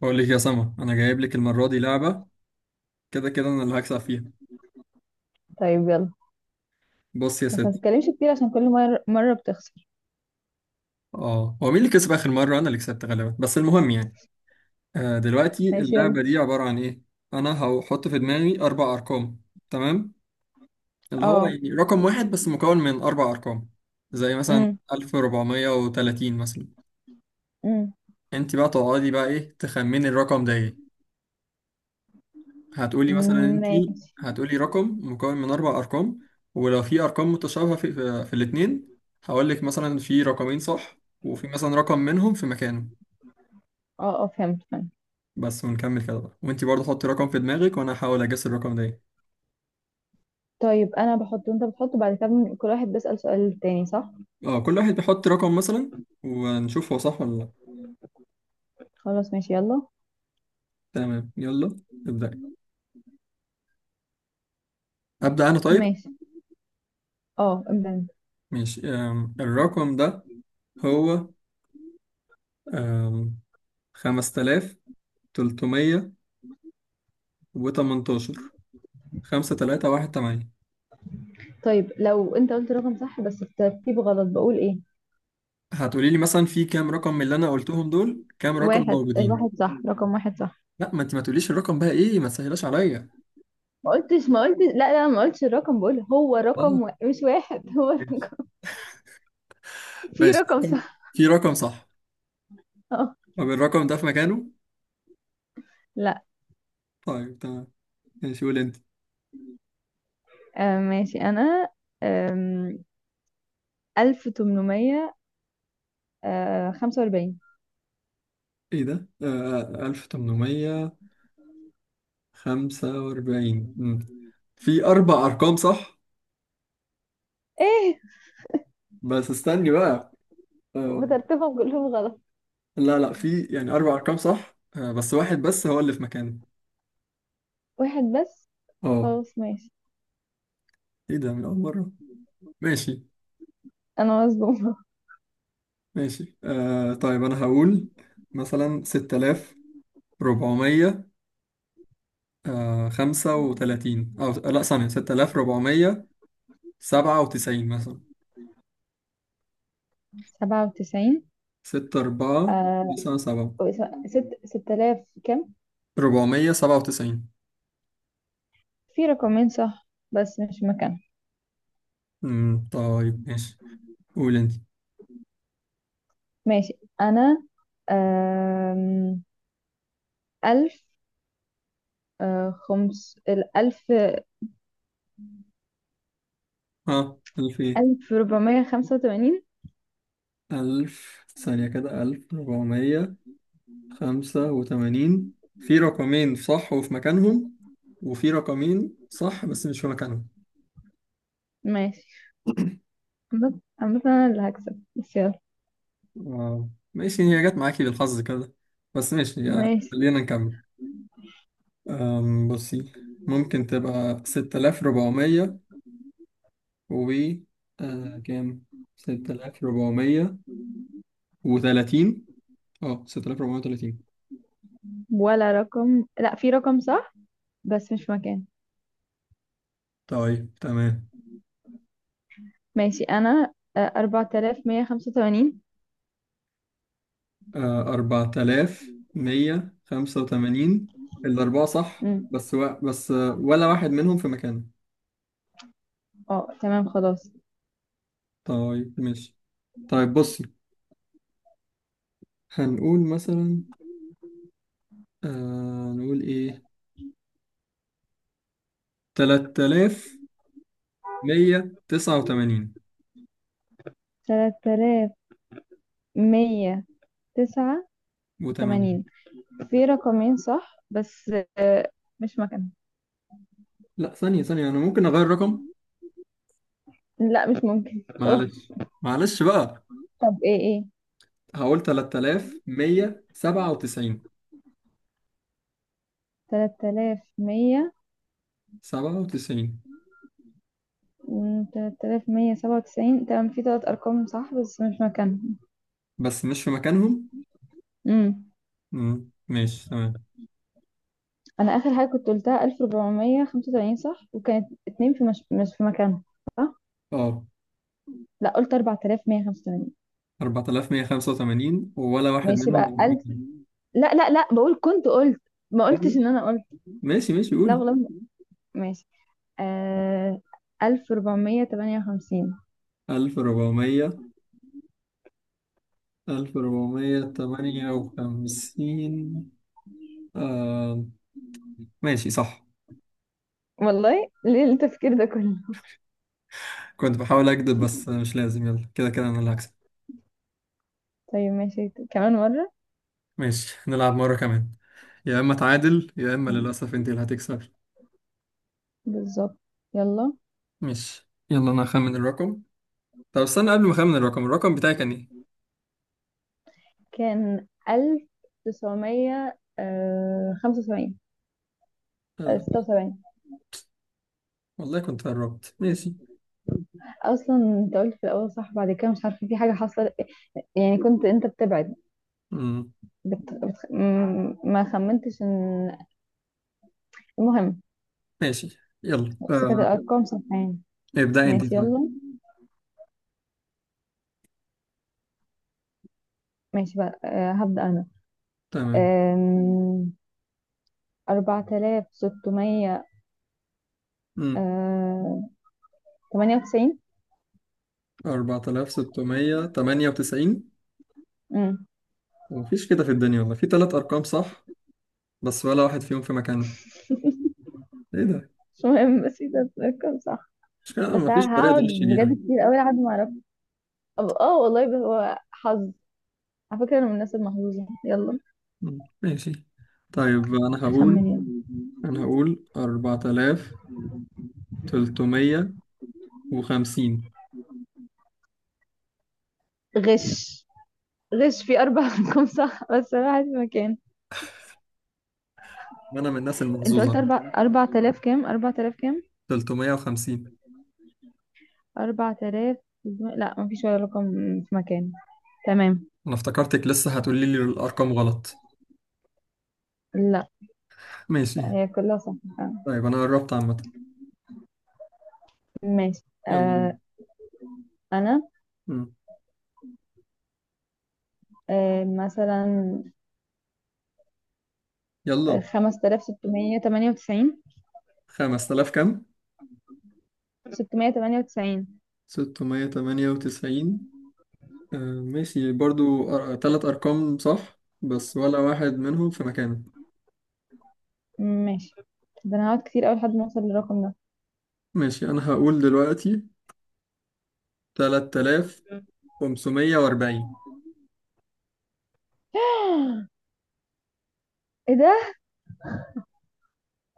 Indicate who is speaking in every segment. Speaker 1: بقول لك يا سما، انا جايب لك المره دي لعبه. كده كده انا اللي هكسب فيها.
Speaker 2: طيب يلا.
Speaker 1: بص يا
Speaker 2: بس ما
Speaker 1: ست.
Speaker 2: تتكلمش كتير عشان كل مرة بتخسر.
Speaker 1: اه، هو مين اللي كسب اخر مره؟ انا اللي كسبت غالبا، بس المهم يعني. آه، دلوقتي
Speaker 2: ماشي يلا.
Speaker 1: اللعبه دي عباره عن ايه؟ انا هحط في دماغي اربع ارقام. تمام. اللي هو
Speaker 2: اه.
Speaker 1: يعني رقم واحد بس مكون من اربع ارقام. زي مثلا
Speaker 2: امم.
Speaker 1: 1430 مثلا.
Speaker 2: امم.
Speaker 1: انت بقى تقعدي بقى ايه تخمني الرقم ده ايه؟ هتقولي مثلا انت.
Speaker 2: ماشي.
Speaker 1: هتقولي رقم مكون من اربع ارقام. ولو في ارقام متشابهه في الاثنين، هقول لك مثلا في رقمين صح وفي مثلا رقم منهم في مكانه.
Speaker 2: اه، اه، فهمت فهمت.
Speaker 1: بس ونكمل كده بقى، وانت برضه حطي رقم في دماغك وانا هحاول اجس الرقم ده ايه.
Speaker 2: طيب، انا بحط وانت بتحط، وبعد كده كل واحد بيسأل سؤال تاني، صح؟
Speaker 1: اه، كل واحد بيحط رقم مثلا. ونشوف هو صح ولا لا.
Speaker 2: خلاص ماشي يلا.
Speaker 1: تمام، يلا. ابدأ، ابدأ انا طيب.
Speaker 2: ماشي. اه، ابدأ انت.
Speaker 1: ماشي، الرقم ده هو آم، 5318. 5318.
Speaker 2: طيب، لو انت قلت رقم صح بس الترتيب غلط، بقول ايه؟
Speaker 1: هتقولي لي مثلا في كام رقم من اللي انا قلتهم؟ دول كام رقم
Speaker 2: واحد.
Speaker 1: موجودين؟
Speaker 2: واحد صح، رقم واحد صح.
Speaker 1: لا، ما انت ما تقوليش الرقم بقى، ايه ما تسهلاش عليا.
Speaker 2: ما قلتش، لا، لا، ما قلتش الرقم، بقول هو
Speaker 1: اه،
Speaker 2: رقم مش واحد. هو رقم.
Speaker 1: ماشي
Speaker 2: في
Speaker 1: ماشي.
Speaker 2: رقم صح.
Speaker 1: في رقم صح.
Speaker 2: اه.
Speaker 1: طب الرقم ده في مكانه؟
Speaker 2: لا.
Speaker 1: طيب، تمام. ماشي، قول انت.
Speaker 2: آه، ماشي انا. 1845.
Speaker 1: ايه ده؟ آه، 1845. مم. في اربع ارقام صح.
Speaker 2: ايه؟
Speaker 1: بس استني بقى. آه
Speaker 2: بترتيبهم كلهم غلط؟
Speaker 1: لا لا، في يعني اربع ارقام صح، بس واحد بس هو اللي في مكانه.
Speaker 2: واحد بس؟
Speaker 1: اه.
Speaker 2: خلاص ماشي.
Speaker 1: ايه ده من اول مره؟ ماشي
Speaker 2: انا مصدومة.
Speaker 1: ماشي، طيب، أنا هقول مثلا 6400، 35 أو لأ، ثانية، 6497 مثلا.
Speaker 2: 97.
Speaker 1: ستة أربعة
Speaker 2: آه!
Speaker 1: 9 7.
Speaker 2: ست 6000 كم؟
Speaker 1: 497.
Speaker 2: في رقمين صح بس مش مكان.
Speaker 1: طيب، ماشي. قول أنت.
Speaker 2: ماشي. انا آم، ألف، خمس الألف،
Speaker 1: ها؟ ألف إيه؟
Speaker 2: 1485.
Speaker 1: ألف، ثانية كده، 1485. في رقمين صح وفي مكانهم، وفي رقمين صح بس مش في مكانهم.
Speaker 2: ماشي. عامة عامة، أنا اللي هكسب بس يلا.
Speaker 1: آه. ماشي، هي جت معاكي بالحظ كده. بس ماشي.
Speaker 2: ماشي.
Speaker 1: خلينا نكمل. بصي، ممكن تبقى 6400 و كام، 6430. اه، 6430.
Speaker 2: ولا رقم. لا، في رقم صح بس مش مكان.
Speaker 1: طيب، تمام.
Speaker 2: ماشي. انا 4185.
Speaker 1: 4185. الأربعة صح،
Speaker 2: امم.
Speaker 1: بس ولا واحد منهم في مكانه.
Speaker 2: اه، تمام، خلاص.
Speaker 1: طيب، ماشي. طيب، بصي، هنقول مثلا، نقول ايه، 3000 189
Speaker 2: تلاتة آلاف مية تسعة
Speaker 1: و80.
Speaker 2: وتمانين في رقمين صح بس آه، مش مكان.
Speaker 1: لا، ثانية ثانية، أنا ممكن أغير رقم.
Speaker 2: لا، مش ممكن. خلاص.
Speaker 1: معلش، معلش بقى.
Speaker 2: طب ايه؟ ايه؟
Speaker 1: هقول 3197.
Speaker 2: تلاتة آلاف مية.
Speaker 1: 97.
Speaker 2: 3197، تمام. في تلات أرقام صح بس مش مكان.
Speaker 1: بس مش في مكانهم.
Speaker 2: امم.
Speaker 1: مم، ماشي، تمام.
Speaker 2: أنا آخر حاجة كنت قلتها، 1485، صح، وكانت اتنين في مش في مكان، صح؟
Speaker 1: اه،
Speaker 2: لا، قلت 4185.
Speaker 1: 4185 ولا واحد
Speaker 2: ماشي
Speaker 1: منهم
Speaker 2: بقى.
Speaker 1: كان في مكانه.
Speaker 2: لا، لا، لا، بقول كنت قلت، ما
Speaker 1: اه،
Speaker 2: قلتش ان انا قلت.
Speaker 1: ماشي ماشي ماشي،
Speaker 2: لا
Speaker 1: قول.
Speaker 2: والله. ماشي. آه 1458.
Speaker 1: 1400. 1458. آه. ماشي، صح.
Speaker 2: والله ليه التفكير ده كله؟
Speaker 1: كنت بحاول أكذب، بس مش لازم. يلا، كده كده أنا اللي هكسب.
Speaker 2: طيب ماشي، كمان مرة.
Speaker 1: ماشي، نلعب مرة كمان. يا إما تعادل، يا إما للأسف أنت اللي هتكسب.
Speaker 2: بالظبط، يلا.
Speaker 1: ماشي، يلا، أنا هخمن الرقم. طب استنى، قبل ما أخمن الرقم، الرقم بتاعي كان إيه؟
Speaker 2: كان 1975، آه،
Speaker 1: ال-
Speaker 2: 76.
Speaker 1: والله كنت قربت. ماشي،
Speaker 2: اصلا انت قلت في الاول صح، بعد كده مش عارفه في حاجه حصلت، يعني كنت انت بتبعد.
Speaker 1: مم.
Speaker 2: ما خمنتش ان. المهم،
Speaker 1: ماشي، يلا،
Speaker 2: بس كانت
Speaker 1: آه.
Speaker 2: الارقام صح يعني.
Speaker 1: ابدأ أنت
Speaker 2: ماشي
Speaker 1: طيب.
Speaker 2: يلا. ماشي بقى، هبدأ أنا.
Speaker 1: تمام.
Speaker 2: آم، أربعة آلاف ستمية
Speaker 1: مم.
Speaker 2: آه، تمانية وتسعين.
Speaker 1: 4698.
Speaker 2: أمم.
Speaker 1: ومفيش كده في الدنيا والله، في تلات أرقام صح بس ولا واحد فيهم في مكانه. إيه ده؟
Speaker 2: مش مهم. بس ده الرقم صح.
Speaker 1: مش كده
Speaker 2: بس
Speaker 1: مفيش
Speaker 2: أنا
Speaker 1: طريقة
Speaker 2: هقعد
Speaker 1: تغش بيها.
Speaker 2: بجد كتير أوي لحد ما أعرف. اه، والله بس هو حظ. على فكرة، أنا من الناس المحظوظة. يلا.
Speaker 1: مم. ماشي، طيب، أنا هقول
Speaker 2: خمن يلا.
Speaker 1: أنا هقول 4000 350.
Speaker 2: غش! غش في أربع أرقام صح، بس أنا واحد في مكان.
Speaker 1: ما انا من الناس
Speaker 2: أنت قلت
Speaker 1: المحظوظة.
Speaker 2: أربع آلاف كام؟ أربع آلاف كام؟
Speaker 1: 350.
Speaker 2: أربع آلاف. لا، مفيش ولا رقم في مكان. تمام.
Speaker 1: انا افتكرتك لسه هتقولي لي الارقام غلط.
Speaker 2: لا،
Speaker 1: ماشي.
Speaker 2: هي كلها صح.
Speaker 1: طيب، انا قربت عامة.
Speaker 2: ماشي.
Speaker 1: يلا.
Speaker 2: انا
Speaker 1: مم.
Speaker 2: مثلا
Speaker 1: يلا.
Speaker 2: 5698.
Speaker 1: 5000 كام؟
Speaker 2: 698.
Speaker 1: 698. آه، ماشي، برضو تلات ارقام صح بس ولا واحد منهم في مكانه.
Speaker 2: ماشي. ده انا هقعد كتير اوي لحد ما اوصل للرقم ده.
Speaker 1: ماشي، انا هقول دلوقتي 3540.
Speaker 2: ايه ده؟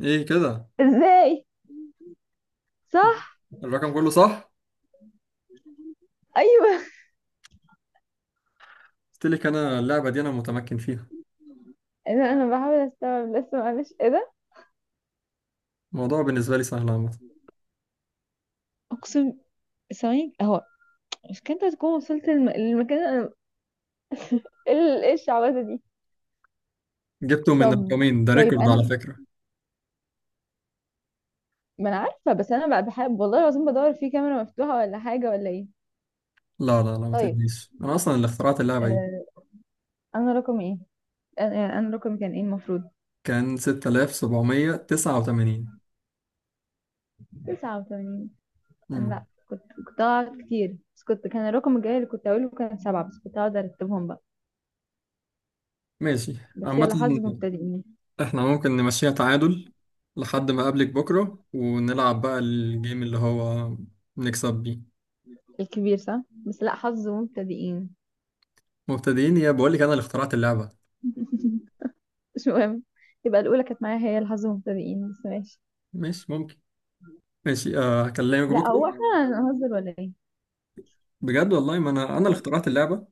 Speaker 1: ايه كده؟
Speaker 2: ازاي؟ صح؟
Speaker 1: الرقم كله صح.
Speaker 2: ايوه.
Speaker 1: قلت لك، انا اللعبة دي انا متمكن فيها.
Speaker 2: ايه ده؟ انا بحاول استوعب لسه، معلش. ايه ده؟
Speaker 1: الموضوع بالنسبة لي سهل عامة.
Speaker 2: اقسم. ثواني اهو. مش كنت هتكون وصلت للمكان اللي انا؟ ايه الشعبده دي؟
Speaker 1: جبته من
Speaker 2: طب
Speaker 1: رقمين، ده
Speaker 2: طيب
Speaker 1: ريكورد
Speaker 2: انا.
Speaker 1: على فكرة.
Speaker 2: ما انا عارفه، بس انا بقى بحب والله العظيم بدور في كاميرا مفتوحه ولا حاجه ولا ايه؟
Speaker 1: لا لا لا، ما
Speaker 2: طيب.
Speaker 1: تقلقيش، أنا أصلا اللي اخترعت اللعبة دي.
Speaker 2: آه... انا رقم ايه؟ انا، يعني أنا رقمي كان ايه المفروض؟
Speaker 1: كان 6789.
Speaker 2: 89. انا. لا،
Speaker 1: امم
Speaker 2: كنت اقعد كتير بس كنت، كان الرقم الجاي اللي كنت اقوله كان سبعة، بس كنت اقعد ارتبهم بقى.
Speaker 1: ماشي.
Speaker 2: بس
Speaker 1: عامة
Speaker 2: يلا، حظ مبتدئين.
Speaker 1: إحنا ممكن نمشيها تعادل لحد ما أقابلك بكرة، ونلعب بقى الجيم اللي هو نكسب بيه.
Speaker 2: الكبير صح، بس لا، حظ مبتدئين.
Speaker 1: مبتدئين يا بقول لك، أنا اللي اخترعت اللعبة.
Speaker 2: مش مهم. يبقى الاولى كانت معايا، هي الحظ مبتدئين، بس ماشي.
Speaker 1: ماشي، ممكن. ماشي، هكلمك
Speaker 2: لا، هو
Speaker 1: بكرة.
Speaker 2: احنا هنهزر ولا ايه؟
Speaker 1: بجد والله، ما أنا اللي
Speaker 2: م-
Speaker 1: اخترعت اللعبة.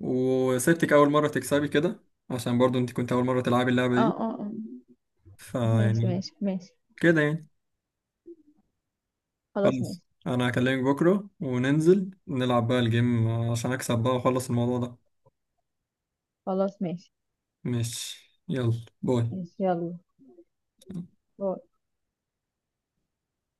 Speaker 1: وسبتك أول مرة تكسبي كده، عشان برضو أنت كنت أول مرة تلعبي اللعبة
Speaker 2: اه،
Speaker 1: دي.
Speaker 2: اه، اه. ماشي،
Speaker 1: فيعني،
Speaker 2: ماشي، ماشي.
Speaker 1: كده يعني.
Speaker 2: خلاص ماشي.
Speaker 1: خلاص، انا هكلمك بكره وننزل نلعب بقى الجيم عشان اكسب بقى واخلص الموضوع ده.
Speaker 2: خلاص ماشي.
Speaker 1: ماشي، يلا، باي.
Speaker 2: ماشي يلا. باي.